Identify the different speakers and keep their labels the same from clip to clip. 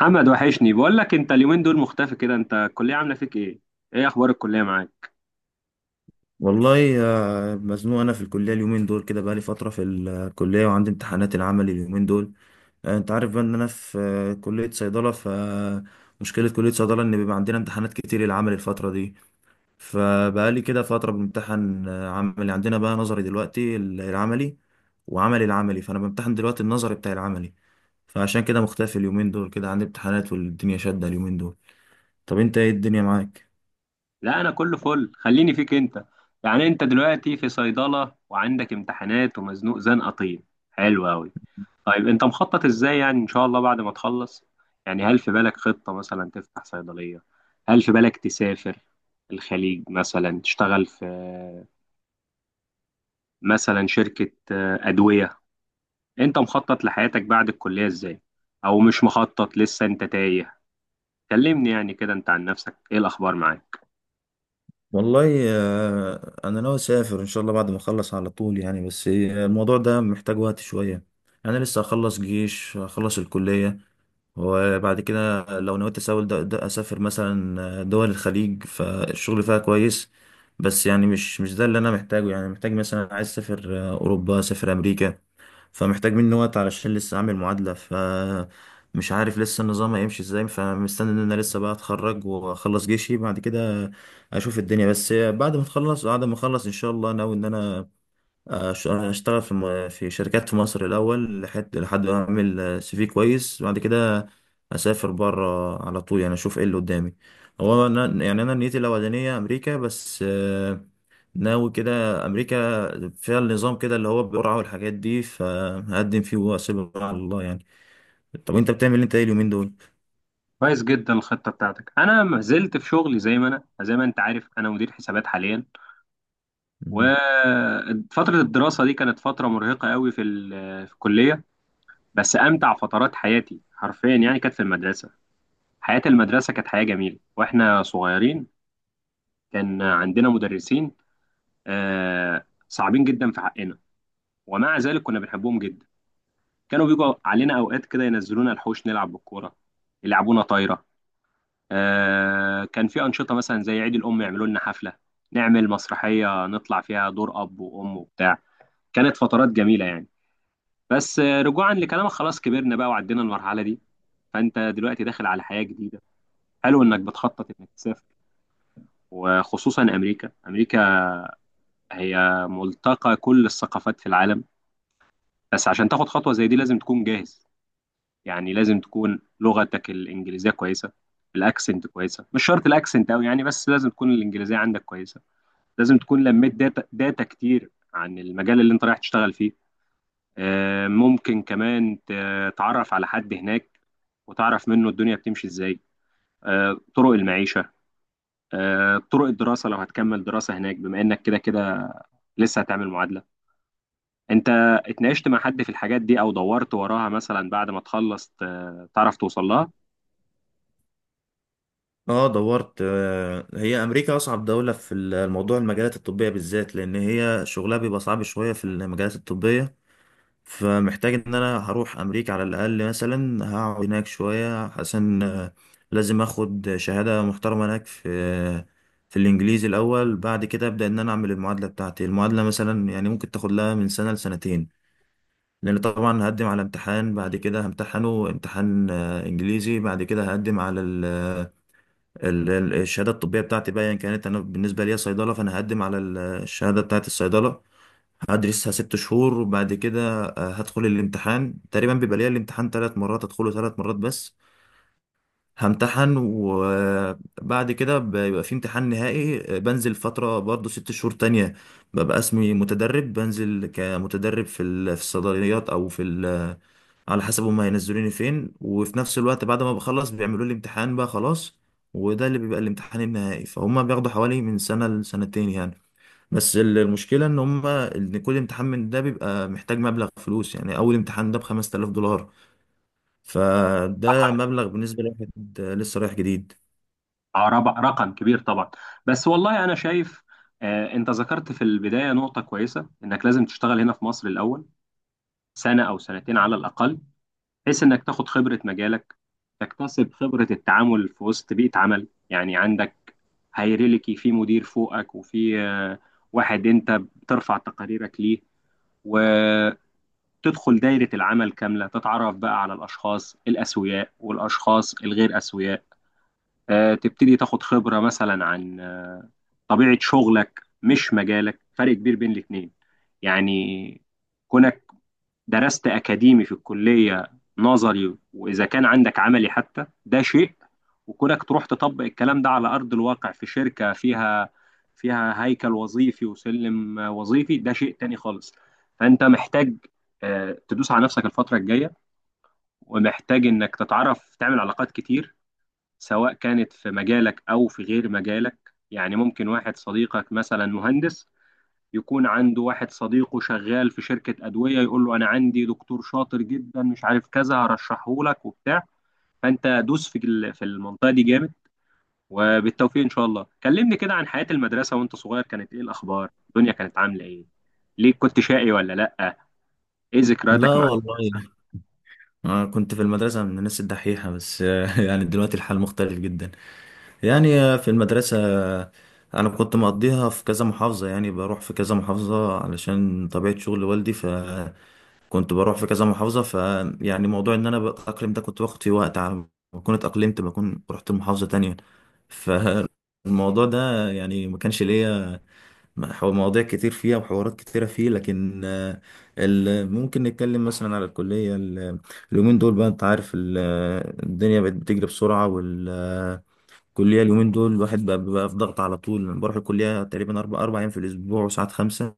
Speaker 1: محمد وحشني، بقول لك انت اليومين دول مختفي كده، انت الكليه عامله فيك ايه؟ ايه اخبار الكليه معاك؟
Speaker 2: والله مزنوق انا في الكليه اليومين دول كده، بقالي فتره في الكليه وعندي امتحانات العمل اليومين دول. انت عارف بقى ان انا في كليه صيدله. مشكله كليه صيدله ان بيبقى عندنا امتحانات كتير العمل الفتره دي. فبقالي كده فتره بامتحن، عملي. عندنا بقى نظري دلوقتي العملي وعملي العملي، فانا بامتحن دلوقتي النظري بتاع العملي. فعشان كده مختفي اليومين دول كده، عندي امتحانات والدنيا شادة اليومين دول. طب انت ايه الدنيا معاك؟
Speaker 1: لا، انا كله فل، خليني فيك انت. يعني انت دلوقتي في صيدله وعندك امتحانات ومزنوق زنقه طين. حلو قوي. طيب انت مخطط ازاي يعني ان شاء الله بعد ما تخلص؟ يعني هل في بالك خطه مثلا تفتح صيدليه؟ هل في بالك تسافر الخليج مثلا، تشتغل في مثلا شركه ادويه؟ انت مخطط لحياتك بعد الكليه ازاي؟ او مش مخطط لسه انت تايه؟ كلمني يعني كده، انت عن نفسك ايه الاخبار معاك؟
Speaker 2: والله، انا ناوي اسافر ان شاء الله بعد ما اخلص على طول يعني، بس الموضوع ده محتاج وقت شويه. انا لسه هخلص جيش، هخلص الكليه، وبعد كده لو نويت اسافر، ده اسافر مثلا دول الخليج، فالشغل فيها كويس. بس يعني مش ده اللي انا محتاجه، يعني محتاج مثلا، عايز اسافر اوروبا، اسافر امريكا. فمحتاج مني وقت علشان لسه اعمل معادلة. مش عارف لسه النظام هيمشي ازاي، فمستني ان انا لسه بقى اتخرج واخلص جيشي. بعد كده اشوف الدنيا، بس بعد ما اخلص ان شاء الله ناوي ان انا اشتغل في في شركات في مصر الاول، لحد ما اعمل سي في كويس، بعد كده اسافر بره على طول يعني، اشوف ايه اللي قدامي. هو انا يعني، انا نيتي الاولانيه امريكا، بس ناوي كده. امريكا فيها النظام كده اللي هو بالقرعه والحاجات دي، فهقدم فيه واسيبه على الله يعني. طب انت بتعمل إيه؟ انت ايه اليومين دول؟
Speaker 1: كويس جدا الخطه بتاعتك. انا ما زلت في شغلي زي ما انت عارف، انا مدير حسابات حاليا.
Speaker 2: مم.
Speaker 1: وفتره الدراسه دي كانت فتره مرهقه قوي في الكليه. بس امتع فترات حياتي حرفيا يعني كانت في المدرسه. حياه المدرسه كانت حياه جميله واحنا صغيرين. كان عندنا مدرسين، صعبين جدا في حقنا، ومع ذلك كنا بنحبهم جدا. كانوا بيجوا علينا اوقات كده، ينزلونا الحوش نلعب بالكوره، يلعبونا طايره. كان في أنشطة مثلا زي عيد الأم، يعملوا لنا حفلة، نعمل مسرحية نطلع فيها دور أب وأم وبتاع. كانت فترات جميلة يعني. بس رجوعا لكلامك، خلاص كبرنا بقى وعدينا المرحلة دي. فأنت دلوقتي داخل على حياة جديدة. حلو إنك بتخطط إنك تسافر، وخصوصا أمريكا. أمريكا هي ملتقى كل الثقافات في العالم. بس عشان تاخد خطوة زي دي لازم تكون جاهز. يعني لازم تكون لغتك الإنجليزية كويسة، الأكسنت كويسة، مش شرط الأكسنت أوي يعني، بس لازم تكون الإنجليزية عندك كويسة. لازم تكون لميت داتا داتا كتير عن المجال اللي انت رايح تشتغل فيه. ممكن كمان تتعرف على حد هناك، وتعرف منه الدنيا بتمشي ازاي. طرق المعيشة، طرق الدراسة لو هتكمل دراسة هناك، بما انك كده كده لسه هتعمل معادلة. انت اتناقشت مع حد في الحاجات دي او دورت وراها مثلا بعد ما تخلص تعرف توصل لها؟
Speaker 2: اه دورت. هي امريكا اصعب دوله في الموضوع، المجالات الطبيه بالذات، لان هي شغلها بيبقى صعب شويه في المجالات الطبيه. فمحتاج ان انا هروح امريكا على الاقل، مثلا هقعد هناك شوية عشان لازم اخد شهادة محترمة هناك، في الانجليزي الاول. بعد كده ابدا ان انا اعمل المعادلة بتاعتي. المعادلة مثلا يعني ممكن تاخد لها من سنة لسنتين. لان طبعا هقدم على امتحان، بعد كده همتحنه امتحان انجليزي. بعد كده هقدم على الشهادة الطبية بتاعتي بقى، يعني كانت انا بالنسبة لي صيدلة، فانا هقدم على الشهادة بتاعت الصيدلة. هدرسها 6 شهور وبعد كده هدخل الامتحان. تقريبا بيبقى ليا الامتحان 3 مرات، ادخله 3 مرات بس، همتحن. وبعد كده بيبقى في امتحان نهائي، بنزل فترة برضو 6 شهور تانية، ببقى اسمي متدرب، بنزل كمتدرب في الصيدليات او على حسب هما هينزلوني فين. وفي نفس الوقت بعد ما بخلص بيعملوا لي امتحان بقى خلاص، وده اللي بيبقى الامتحان النهائي. فهم بياخدوا حوالي من سنة لسنتين يعني. بس المشكلة ان هما، ان كل امتحان من ده بيبقى محتاج مبلغ فلوس، يعني اول امتحان ده ب5000 دولار. فده
Speaker 1: رقم كبير.
Speaker 2: مبلغ بالنسبة لواحد لسه رايح جديد.
Speaker 1: رقم كبير طبعا. بس والله انا شايف. انت ذكرت في البداية نقطة كويسة، انك لازم تشتغل هنا في مصر الاول، سنة أو سنتين على الأقل، بحيث إنك تاخد خبرة مجالك، تكتسب خبرة التعامل في وسط بيئة عمل. يعني عندك هيراركي، في مدير فوقك وفي واحد أنت بترفع تقاريرك ليه، وتدخل دايرة العمل كاملة، تتعرف بقى على الأشخاص الأسوياء والأشخاص الغير أسوياء. تبتدي تاخد خبرة مثلا عن طبيعة شغلك، مش مجالك، فرق كبير بين الاتنين. يعني كونك درست أكاديمي في الكلية، نظري وإذا كان عندك عملي حتى، ده شيء. وكونك تروح تطبق الكلام ده على أرض الواقع في شركة فيها هيكل وظيفي وسلم وظيفي، ده شيء تاني خالص. فأنت محتاج تدوس على نفسك الفترة الجاية. ومحتاج إنك تتعرف تعمل علاقات كتير، سواء كانت في مجالك أو في غير مجالك. يعني ممكن واحد صديقك مثلا مهندس، يكون عنده واحد صديقه شغال في شركة أدوية، يقول له أنا عندي دكتور شاطر جدا مش عارف كذا، هرشحه لك وبتاع. فأنت دوس في المنطقة دي جامد. وبالتوفيق إن شاء الله. كلمني كده عن حياة المدرسة وأنت صغير، كانت إيه الأخبار؟ الدنيا كانت عاملة إيه؟ ليه كنت شقي ولا لأ؟ إيه ذكرياتك
Speaker 2: لا
Speaker 1: مع المدرسة؟
Speaker 2: والله، أنا كنت في المدرسة من الناس الدحيحة بس يعني دلوقتي الحال مختلف جدا. يعني في المدرسة أنا كنت مقضيها في كذا محافظة، يعني بروح في كذا محافظة علشان طبيعة شغل والدي. كنت بروح في كذا محافظة، فيعني موضوع ان انا بتأقلم ده كنت باخد فيه وقت، على ما اكون اتأقلمت بكون رحت محافظة تانية. فالموضوع ده يعني ما كانش ليا مواضيع كتير فيها وحوارات كتيرة فيه. لكن ممكن نتكلم مثلا على الكلية. اليومين دول بقى، انت عارف الدنيا بقت بتجري بسرعة، والكلية اليومين دول الواحد بقى في ضغط على طول. بروح الكلية تقريبا أربع أيام في الأسبوع، وساعات خمسة.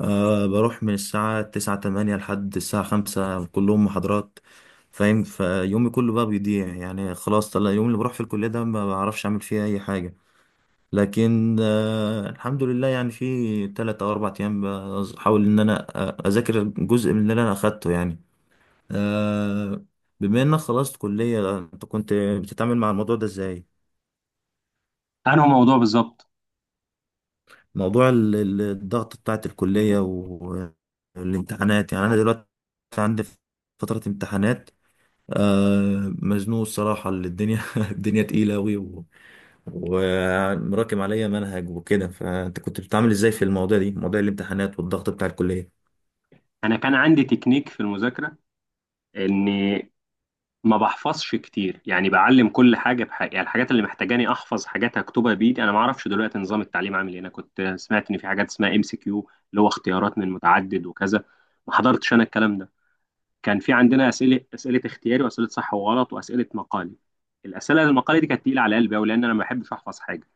Speaker 2: أه بروح من الساعة تسعة، تمانية لحد الساعة خمسة، كلهم محاضرات، فاهم. فيومي كله بقى بيضيع يعني. خلاص، طلع اليوم اللي بروح في الكلية ده ما بعرفش أعمل فيه أي حاجة. لكن أه الحمد لله، يعني في 3 أو 4 أيام بحاول إن أنا أذاكر جزء من اللي أنا أخدته يعني. أه، بما إنك خلصت كلية، أنت كنت بتتعامل مع الموضوع ده إزاي؟
Speaker 1: أنهي موضوع بالظبط؟
Speaker 2: موضوع الضغط بتاعت الكلية والامتحانات. يعني أنا دلوقتي عندي فترة امتحانات، مزنوق الصراحة. اللي الدنيا الدنيا تقيلة أوي ومراكم عليا منهج وكده، فأنت كنت بتتعامل إزاي في المواضيع دي، مواضيع الامتحانات والضغط بتاع الكلية؟
Speaker 1: أنا كان عندي تكنيك في المذاكرة، إن ما بحفظش كتير، يعني بعلم كل حاجه بحاجه، يعني الحاجات اللي محتاجاني احفظ، حاجات هكتبها بايدي. انا ما اعرفش دلوقتي نظام التعليم عامل ايه، انا كنت سمعت ان في حاجات اسمها MCQ اللي هو اختيارات من متعدد وكذا. ما حضرتش انا الكلام ده. كان في عندنا اسئله اختياري واسئله صح وغلط واسئله مقالي. الاسئله المقالي دي كانت تقيله على قلبي قوي، لان انا ما بحبش احفظ حاجه.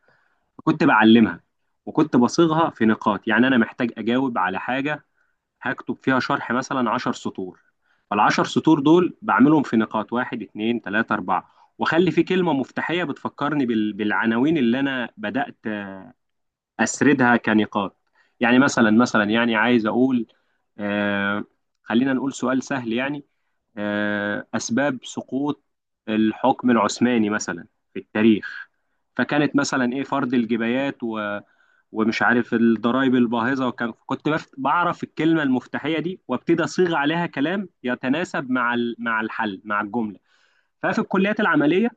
Speaker 1: فكنت بعلمها، وكنت بصيغها في نقاط. يعني انا محتاج اجاوب على حاجه، هكتب فيها شرح مثلا 10 سطور، فالعشر سطور دول بعملهم في نقاط، واحد، اتنين، تلاتة، أربعة. وأخلي في كلمة مفتاحية بتفكرني بالعناوين اللي أنا بدأت أسردها كنقاط. يعني مثلا يعني عايز أقول، آه خلينا نقول سؤال سهل يعني، أسباب سقوط الحكم العثماني مثلا في التاريخ، فكانت مثلا إيه، فرض الجبايات ومش عارف الضرايب الباهظة، بعرف الكلمة المفتاحية دي وابتدي أصيغ عليها كلام يتناسب مع الحل، مع الجملة. ففي الكليات العمليه،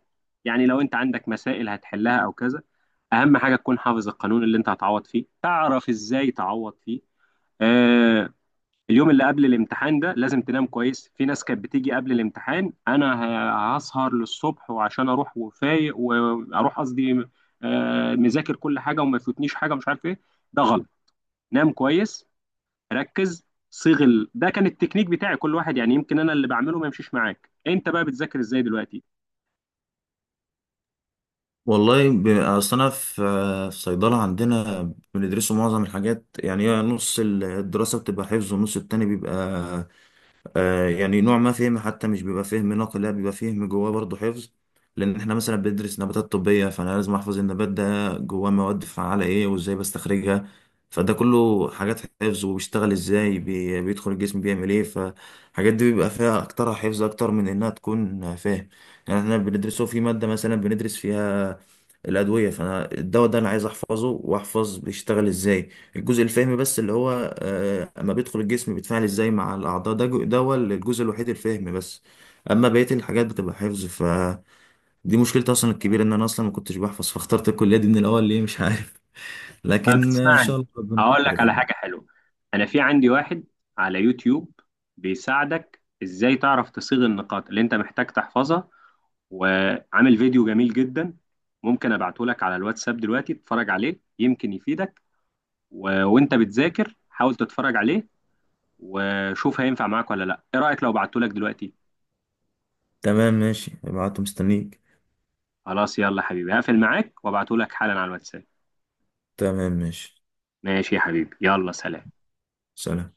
Speaker 1: يعني لو انت عندك مسائل هتحلها او كذا، اهم حاجه تكون حافظ القانون اللي انت هتعوض فيه، تعرف ازاي تعوض فيه. آه اليوم اللي قبل الامتحان ده لازم تنام كويس. في ناس كانت بتيجي قبل الامتحان، انا هسهر للصبح وعشان اروح وفايق، واروح قصدي مذاكر كل حاجه وما يفوتنيش حاجه مش عارف ايه. ده غلط. نام كويس، ركز، ده كان التكنيك بتاعي. كل واحد، يعني يمكن انا اللي بعمله ما يمشيش معاك. انت بقى بتذاكر ازاي دلوقتي؟
Speaker 2: والله أصل أنا في في صيدلة عندنا بندرسوا معظم الحاجات. يعني هي نص الدراسة بتبقى حفظ والنص التاني بيبقى يعني نوع ما فهم. حتى مش بيبقى فهم نقل، لا بيبقى فهم جواه برضه حفظ. لان احنا مثلا بندرس نباتات طبية، فانا لازم احفظ النبات ده جواه مواد فعالة ايه وازاي بستخرجها. فده كله حاجات حفظ. وبيشتغل ازاي، بي بيدخل الجسم بيعمل ايه، فالحاجات دي بيبقى فيها اكترها حفظ اكتر من انها تكون فاهم. يعني احنا بندرسه في مادة مثلا، بندرس فيها الأدوية، فأنا الدواء ده أنا عايز أحفظه وأحفظ بيشتغل إزاي. الجزء الفهمي بس اللي هو اما بيدخل الجسم بيتفاعل ازاي مع الاعضاء، ده ده هو الجزء الوحيد الفهمي بس. اما بقيه الحاجات بتبقى حفظ، فدي مشكلتي اصلا الكبيره، ان انا اصلا ما كنتش بحفظ، فاخترت الكليه دي من الاول ليه مش عارف
Speaker 1: طب
Speaker 2: لكن ان شاء
Speaker 1: اسمعني،
Speaker 2: الله ربنا
Speaker 1: اقول لك
Speaker 2: يستر.
Speaker 1: على حاجه حلوه. انا في عندي واحد على يوتيوب، بيساعدك ازاي تعرف تصيغ النقاط اللي انت محتاج تحفظها، وعامل فيديو جميل جدا. ممكن ابعته لك على الواتساب دلوقتي تتفرج عليه، يمكن يفيدك. وانت بتذاكر حاول تتفرج عليه، وشوف هينفع معاك ولا لا. ايه رايك لو بعته لك دلوقتي؟
Speaker 2: تمام ماشي، ابعته مستنيك.
Speaker 1: خلاص يلا حبيبي، هقفل معاك وابعته لك حالا على الواتساب.
Speaker 2: تمام ماشي.
Speaker 1: ماشي يا حبيبي، يلا سلام.
Speaker 2: سلام.